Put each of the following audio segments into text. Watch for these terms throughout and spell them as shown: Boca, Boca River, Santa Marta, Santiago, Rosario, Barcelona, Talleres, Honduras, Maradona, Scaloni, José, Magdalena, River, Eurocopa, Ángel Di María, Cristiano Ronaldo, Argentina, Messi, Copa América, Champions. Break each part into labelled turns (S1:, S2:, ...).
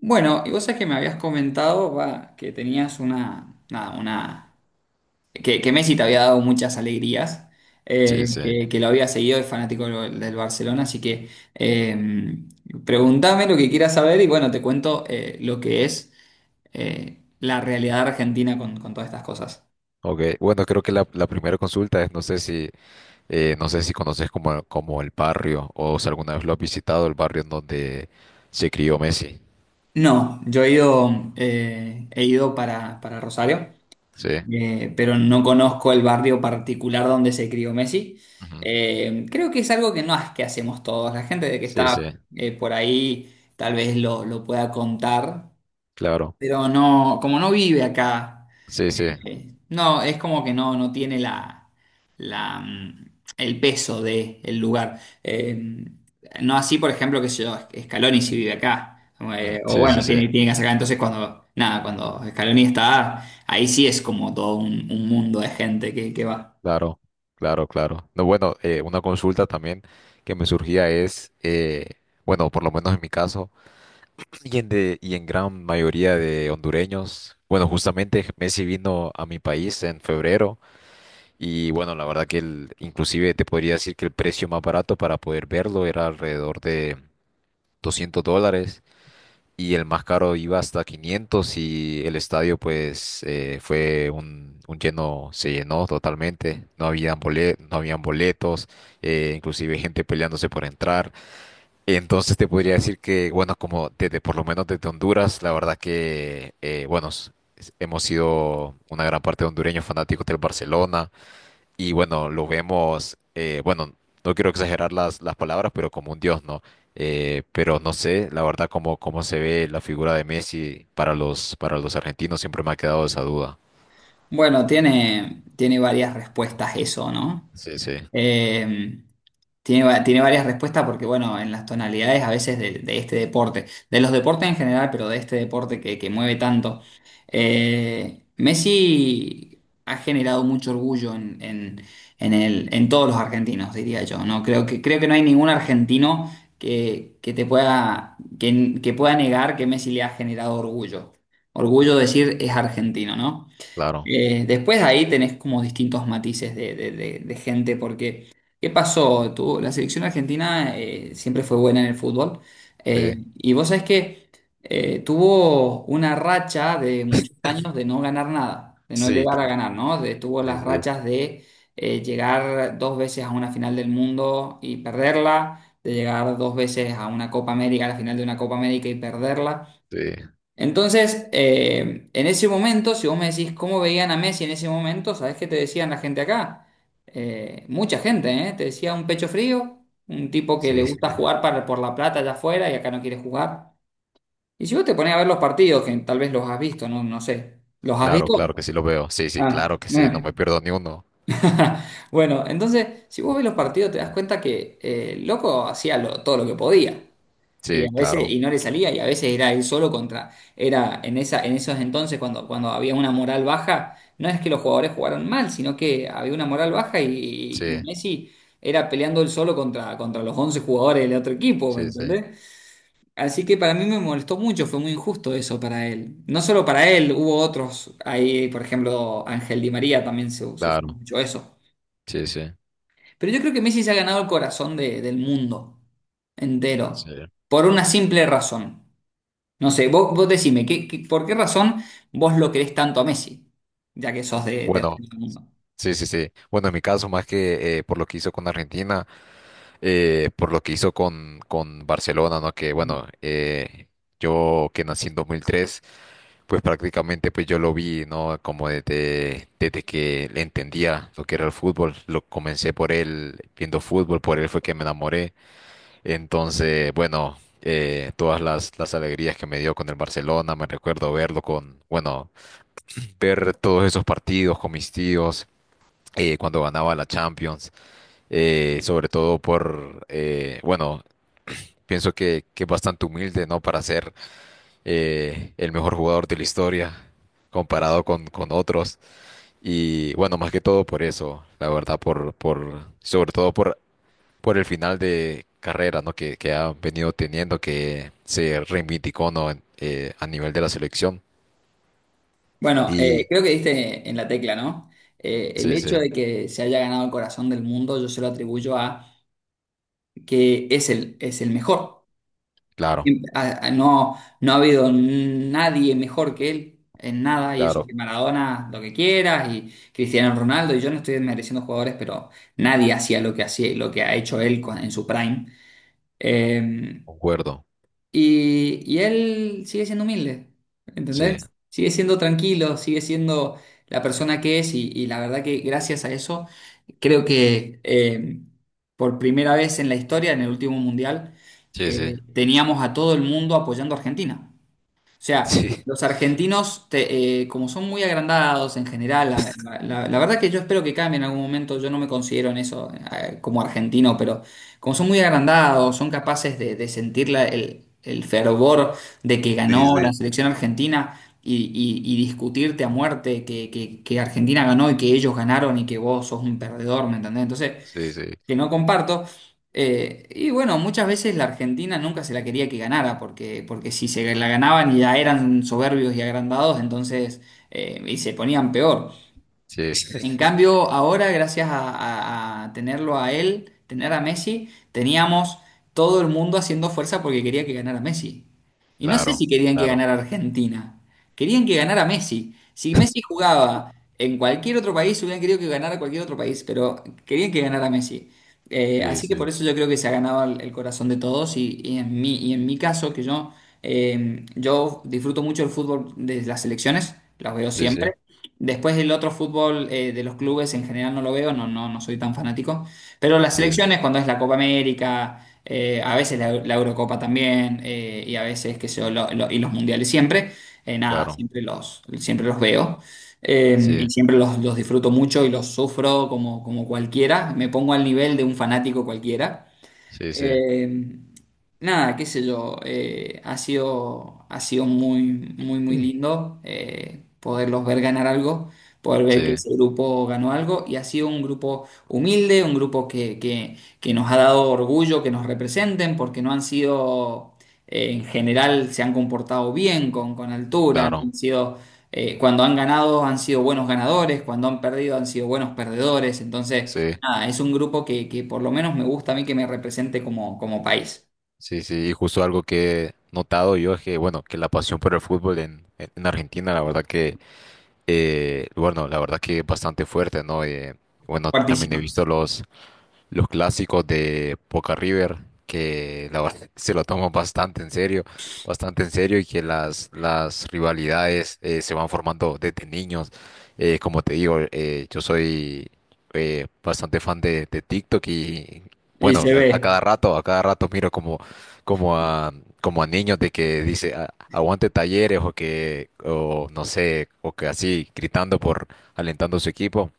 S1: Bueno, y vos sabés que me habías comentado, va, que tenías una, nada, una, que Messi te había dado muchas alegrías,
S2: Sí, sí.
S1: que lo había seguido, es fanático del Barcelona, así que eh, preguntame lo que quieras saber y bueno, te cuento lo que es la realidad argentina con todas estas cosas.
S2: Ok, bueno, creo que la primera consulta es, no sé si, no sé si conoces como, como el barrio o si alguna vez lo has visitado, el barrio en donde se crió Messi.
S1: No, yo he ido para Rosario.
S2: Sí.
S1: Pero no conozco el barrio particular donde se crió Messi.
S2: Ujú.
S1: Creo que es algo que no es que hacemos todos. La gente de que
S2: Sí,
S1: está
S2: sí,
S1: por ahí tal vez lo pueda contar,
S2: claro.
S1: pero no, como no vive acá.
S2: Sí, sí.
S1: No, es como que no, no tiene la, la, el peso del lugar. No así, por ejemplo, que sé yo, Scaloni si vive acá.
S2: Ujú.
S1: O
S2: Sí, sí,
S1: bueno,
S2: sí.
S1: tiene, tiene que sacar. Entonces, cuando, nada, cuando Scaloni está, ahí sí es como todo un mundo de gente que va.
S2: Claro, claro, claro. No, bueno, una consulta también que me surgía es, bueno, por lo menos en mi caso, y en gran mayoría de hondureños, bueno, justamente Messi vino a mi país en febrero. Y bueno, la verdad que el, inclusive te podría decir que el precio más barato para poder verlo era alrededor de $200 y el más caro iba hasta 500 y el estadio pues fue un lleno, se llenó totalmente, no habían boletos, inclusive gente peleándose por entrar. Entonces te podría decir que, bueno, como desde, por lo menos desde Honduras, la verdad que, bueno, hemos sido una gran parte de hondureños fanáticos del Barcelona y bueno, lo vemos, bueno, no quiero exagerar las palabras, pero como un dios, ¿no? Pero no sé, la verdad, cómo, cómo se ve la figura de Messi para los argentinos, siempre me ha quedado esa duda.
S1: Bueno, tiene, tiene varias respuestas eso, ¿no?
S2: Sí, sí,
S1: Eh, Tiene varias respuestas porque, bueno, en las tonalidades a veces de este deporte, de los deportes en general, pero de este deporte que mueve tanto, Messi ha generado mucho orgullo en, en el, en todos los argentinos, diría yo, ¿no? Creo que no hay ningún argentino que te pueda, que pueda negar que Messi le ha generado orgullo. Orgullo decir es argentino, ¿no?
S2: claro.
S1: Después de ahí tenés como distintos matices de, de gente, porque ¿qué pasó? La selección argentina siempre fue buena en el fútbol,
S2: Sí,
S1: y vos sabés que tuvo una racha de muchos años de no ganar nada, de no
S2: sí,
S1: llegar a
S2: claro.
S1: ganar, ¿no? De- tuvo
S2: Sí,
S1: las
S2: sí,
S1: rachas de llegar dos veces a una final del mundo y perderla, de llegar dos veces a una Copa América, a la final de una Copa América y perderla.
S2: sí,
S1: Entonces, en ese momento, si vos me decís cómo veían a Messi en ese momento, ¿sabés qué te decían la gente acá? Mucha gente, ¿eh? Te decía un pecho frío, un tipo que le
S2: sí.
S1: gusta jugar para, por la plata allá afuera y acá no quiere jugar. Y si vos te ponés a ver los partidos, que tal vez los has visto, no, no sé. ¿Los has
S2: Claro,
S1: visto?
S2: claro que sí lo veo. Sí, sí,
S1: Ah,
S2: claro que sí, no
S1: bueno.
S2: me pierdo ni uno.
S1: Bueno, entonces, si vos ves los partidos, te das cuenta que el loco hacía todo lo que podía. Y
S2: Sí,
S1: a veces,
S2: claro.
S1: y no le salía, y a veces era él solo contra, era en esa, en esos entonces cuando, cuando había una moral baja, no es que los jugadores jugaron mal, sino que había una moral baja
S2: Sí,
S1: y Messi era peleando él solo contra, contra los 11 jugadores del otro equipo, ¿me
S2: sí, sí,
S1: entendés? Así que para mí me molestó mucho, fue muy injusto eso para él. No solo para él, hubo otros, ahí por ejemplo Ángel Di María también sufrió
S2: claro.
S1: mucho eso.
S2: Sí, sí,
S1: Pero yo creo que Messi se ha ganado el corazón del mundo
S2: sí.
S1: entero, por una simple razón. No sé, vos, vos decime, ¿qué, por qué razón vos lo querés tanto a Messi? Ya que sos de
S2: Bueno,
S1: del mundo.
S2: sí, sí, sí. Bueno, en mi caso, más que por lo que hizo con Argentina, por lo que hizo con Barcelona, ¿no? Que
S1: Ujú.
S2: bueno, yo que nací en 2003 pues prácticamente pues yo lo vi, ¿no? Como desde, desde que le entendía lo que era el fútbol, lo comencé por él viendo fútbol, por él fue que me enamoré. Entonces, bueno, todas las alegrías que me dio con el Barcelona, me recuerdo verlo con, bueno, ver todos esos partidos con mis tíos cuando ganaba la Champions, sobre todo por, bueno, pienso que es bastante humilde, ¿no? Para ser el mejor jugador de la historia comparado con otros. Y bueno, más que todo por eso, la verdad, por, sobre todo por el final de carrera, ¿no? Que ha venido teniendo, que se reivindicó, ¿no? A nivel de la selección.
S1: Bueno,
S2: Y
S1: creo que diste en la tecla, ¿no? El
S2: sí, sí,
S1: hecho de que se haya ganado el corazón del mundo, yo se lo atribuyo a que es el mejor.
S2: claro,
S1: No, no ha habido nadie mejor que él en nada, y eso
S2: claro,
S1: que Maradona, lo que quieras, y Cristiano Ronaldo, y yo no estoy desmereciendo jugadores, pero nadie hacía lo que hacía, lo que ha hecho él en su prime. Eh,
S2: concuerdo.
S1: Y él sigue siendo humilde,
S2: Sí,
S1: ¿entendés? Sigue siendo tranquilo, sigue siendo la persona que es y la verdad que gracias a eso creo que por primera vez en la historia, en el último mundial,
S2: sí, sí.
S1: teníamos a todo el mundo apoyando a Argentina. O sea, los argentinos, como son muy agrandados en general, la, la verdad que yo espero que cambie en algún momento, yo no me considero en eso como argentino, pero como son muy agrandados, son capaces de sentir el fervor de que
S2: Sí, sí,
S1: ganó la
S2: sí.
S1: selección argentina y, y discutirte a muerte que, que Argentina ganó y que ellos ganaron y que vos sos un perdedor, ¿me entendés? Entonces,
S2: Sí, sí,
S1: que no comparto. Y bueno, muchas veces la Argentina nunca se la quería que ganara, porque, porque si se la ganaban ya eran soberbios y agrandados, entonces, y se ponían peor.
S2: sí,
S1: En cambio, ahora, gracias a, a tenerlo a él, tener a Messi, teníamos todo el mundo haciendo fuerza porque quería que ganara Messi. Y no sé si
S2: claro,
S1: querían que
S2: claro.
S1: ganara Argentina, querían que ganara Messi. Si Messi jugaba en cualquier otro país, hubieran querido que ganara cualquier otro país, pero querían que ganara Messi.
S2: Sí,
S1: Así que por
S2: sí,
S1: eso yo creo que se ha ganado el corazón de todos y en mí, y en mi caso, que yo, yo disfruto mucho el fútbol de las selecciones, las veo
S2: sí, sí,
S1: siempre. Después el otro fútbol de los clubes en general no lo veo, no, no, no soy tan fanático. Pero las
S2: sí, sí,
S1: selecciones, cuando es la Copa América, a veces la, la Eurocopa también, y a veces, qué sé yo, y los mundiales siempre, nada,
S2: claro.
S1: siempre los veo. Y
S2: Sí,
S1: siempre los disfruto mucho y los sufro como, como cualquiera. Me pongo al nivel de un fanático cualquiera.
S2: sí, sí,
S1: Eh, Nada, qué sé yo, ha sido muy, muy, muy
S2: mm,
S1: lindo poderlos ver ganar algo, poder ver que
S2: sí,
S1: ese grupo ganó algo y ha sido un grupo humilde, un grupo que nos ha dado orgullo que nos representen porque no han sido, en general, se han comportado bien con altura, no
S2: claro.
S1: han sido... cuando han ganado han sido buenos ganadores, cuando han perdido han sido buenos perdedores, entonces
S2: Sí,
S1: nada, es un grupo que por lo menos me gusta a mí que me represente como, como país.
S2: sí, sí. Y justo algo que he notado yo es que, bueno, que la pasión por el fútbol en Argentina, la verdad que, bueno, la verdad que es bastante fuerte, ¿no? Bueno, también he
S1: Fuertísima.
S2: visto los clásicos de Boca River, que la verdad se lo toman bastante en serio y que las rivalidades se van formando desde niños. Como te digo, yo soy bastante fan de TikTok y
S1: Y
S2: bueno,
S1: se ve.
S2: a cada rato miro como, como a, como a niños de que dice aguante Talleres o que, o no sé, o que así gritando por alentando a su equipo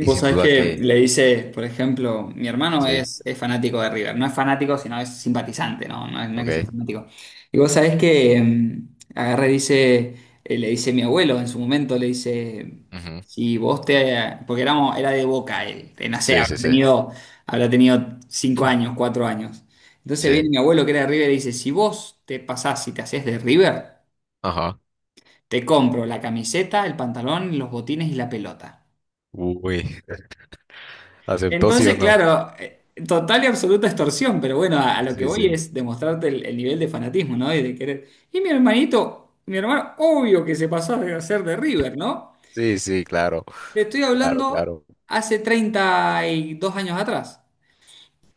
S2: y
S1: Vos
S2: sin
S1: sabés
S2: duda
S1: que
S2: que,
S1: le dice, por ejemplo, mi hermano
S2: sí,
S1: es fanático de River. No es fanático, sino es simpatizante, ¿no? No es, no es que sea
S2: ok.
S1: fanático. Y vos sabés que agarra y dice, le dice mi abuelo en su momento, le dice,
S2: Ujú.
S1: si vos te... Porque éramos, era de Boca él, no sé,
S2: Sí, sí, sí.
S1: habrá tenido 5 años, 4 años. Entonces viene
S2: Sí.
S1: mi abuelo que era de River y dice, si vos te pasás y te hacés de River,
S2: Ajá.
S1: te compro la camiseta, el pantalón, los botines y la pelota.
S2: Uy. ¿Aceptó sí o
S1: Entonces,
S2: no?
S1: claro, total y absoluta extorsión, pero bueno, a lo que
S2: Sí,
S1: voy
S2: sí.
S1: es demostrarte el nivel de fanatismo, ¿no? Y de querer. Y mi hermanito, mi hermano, obvio que se pasó a ser de River, ¿no?
S2: Sí, sí, claro.
S1: Te estoy
S2: Claro,
S1: hablando
S2: claro.
S1: hace 32 años atrás.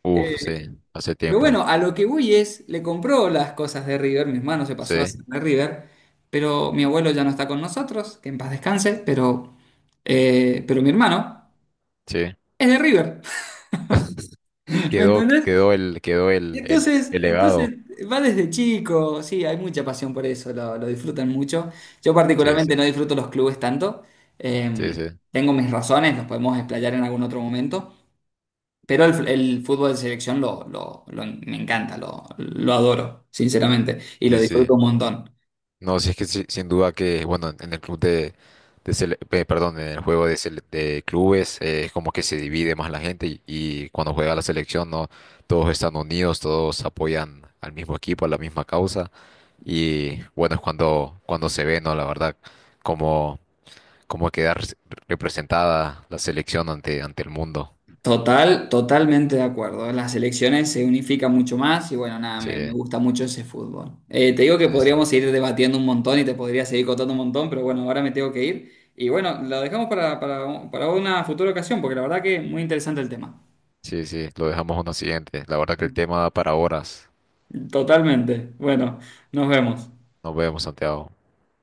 S2: Uf, sí.
S1: Eh,
S2: Hace
S1: pero
S2: tiempo.
S1: bueno, a lo que voy es, le compró las cosas de River, mi hermano se pasó a
S2: Sí,
S1: ser de River, pero mi abuelo ya no está con nosotros, que en paz descanse, pero mi hermano
S2: sí.
S1: es de River, ¿me
S2: Quedó,
S1: entendés?
S2: quedó el, quedó
S1: Y Entonces,
S2: el
S1: entonces
S2: legado.
S1: va desde chico, sí, hay mucha pasión por eso, lo disfrutan mucho. Yo
S2: Sí, sí.
S1: particularmente no disfruto los clubes tanto,
S2: Sí,
S1: eh,
S2: sí.
S1: tengo mis razones, los podemos explayar en algún otro momento, pero el fútbol de selección lo, me encanta, lo adoro, sinceramente, y lo
S2: Sí, sí.
S1: disfruto un montón.
S2: No, sí es que sí, sin duda que, bueno, en el club de, perdón, en el juego de, de clubes es como que se divide más la gente y cuando juega la selección, no, todos están unidos, todos apoyan al mismo equipo, a la misma causa. Y bueno, es cuando, cuando se ve, ¿no? La verdad, cómo, cómo queda representada la selección ante, ante el mundo.
S1: Total, totalmente de acuerdo. Las selecciones se unifican mucho más y bueno, nada,
S2: Sí,
S1: me gusta mucho ese fútbol. Te digo que
S2: sí, sí.
S1: podríamos seguir debatiendo un montón y te podría seguir contando un montón, pero bueno, ahora me tengo que ir. Y bueno, lo dejamos para una futura ocasión, porque la verdad que muy interesante el tema.
S2: Sí, sí, lo dejamos a una siguiente. La verdad que el tema da para horas.
S1: Totalmente. Bueno, nos vemos.
S2: Nos vemos, Santiago.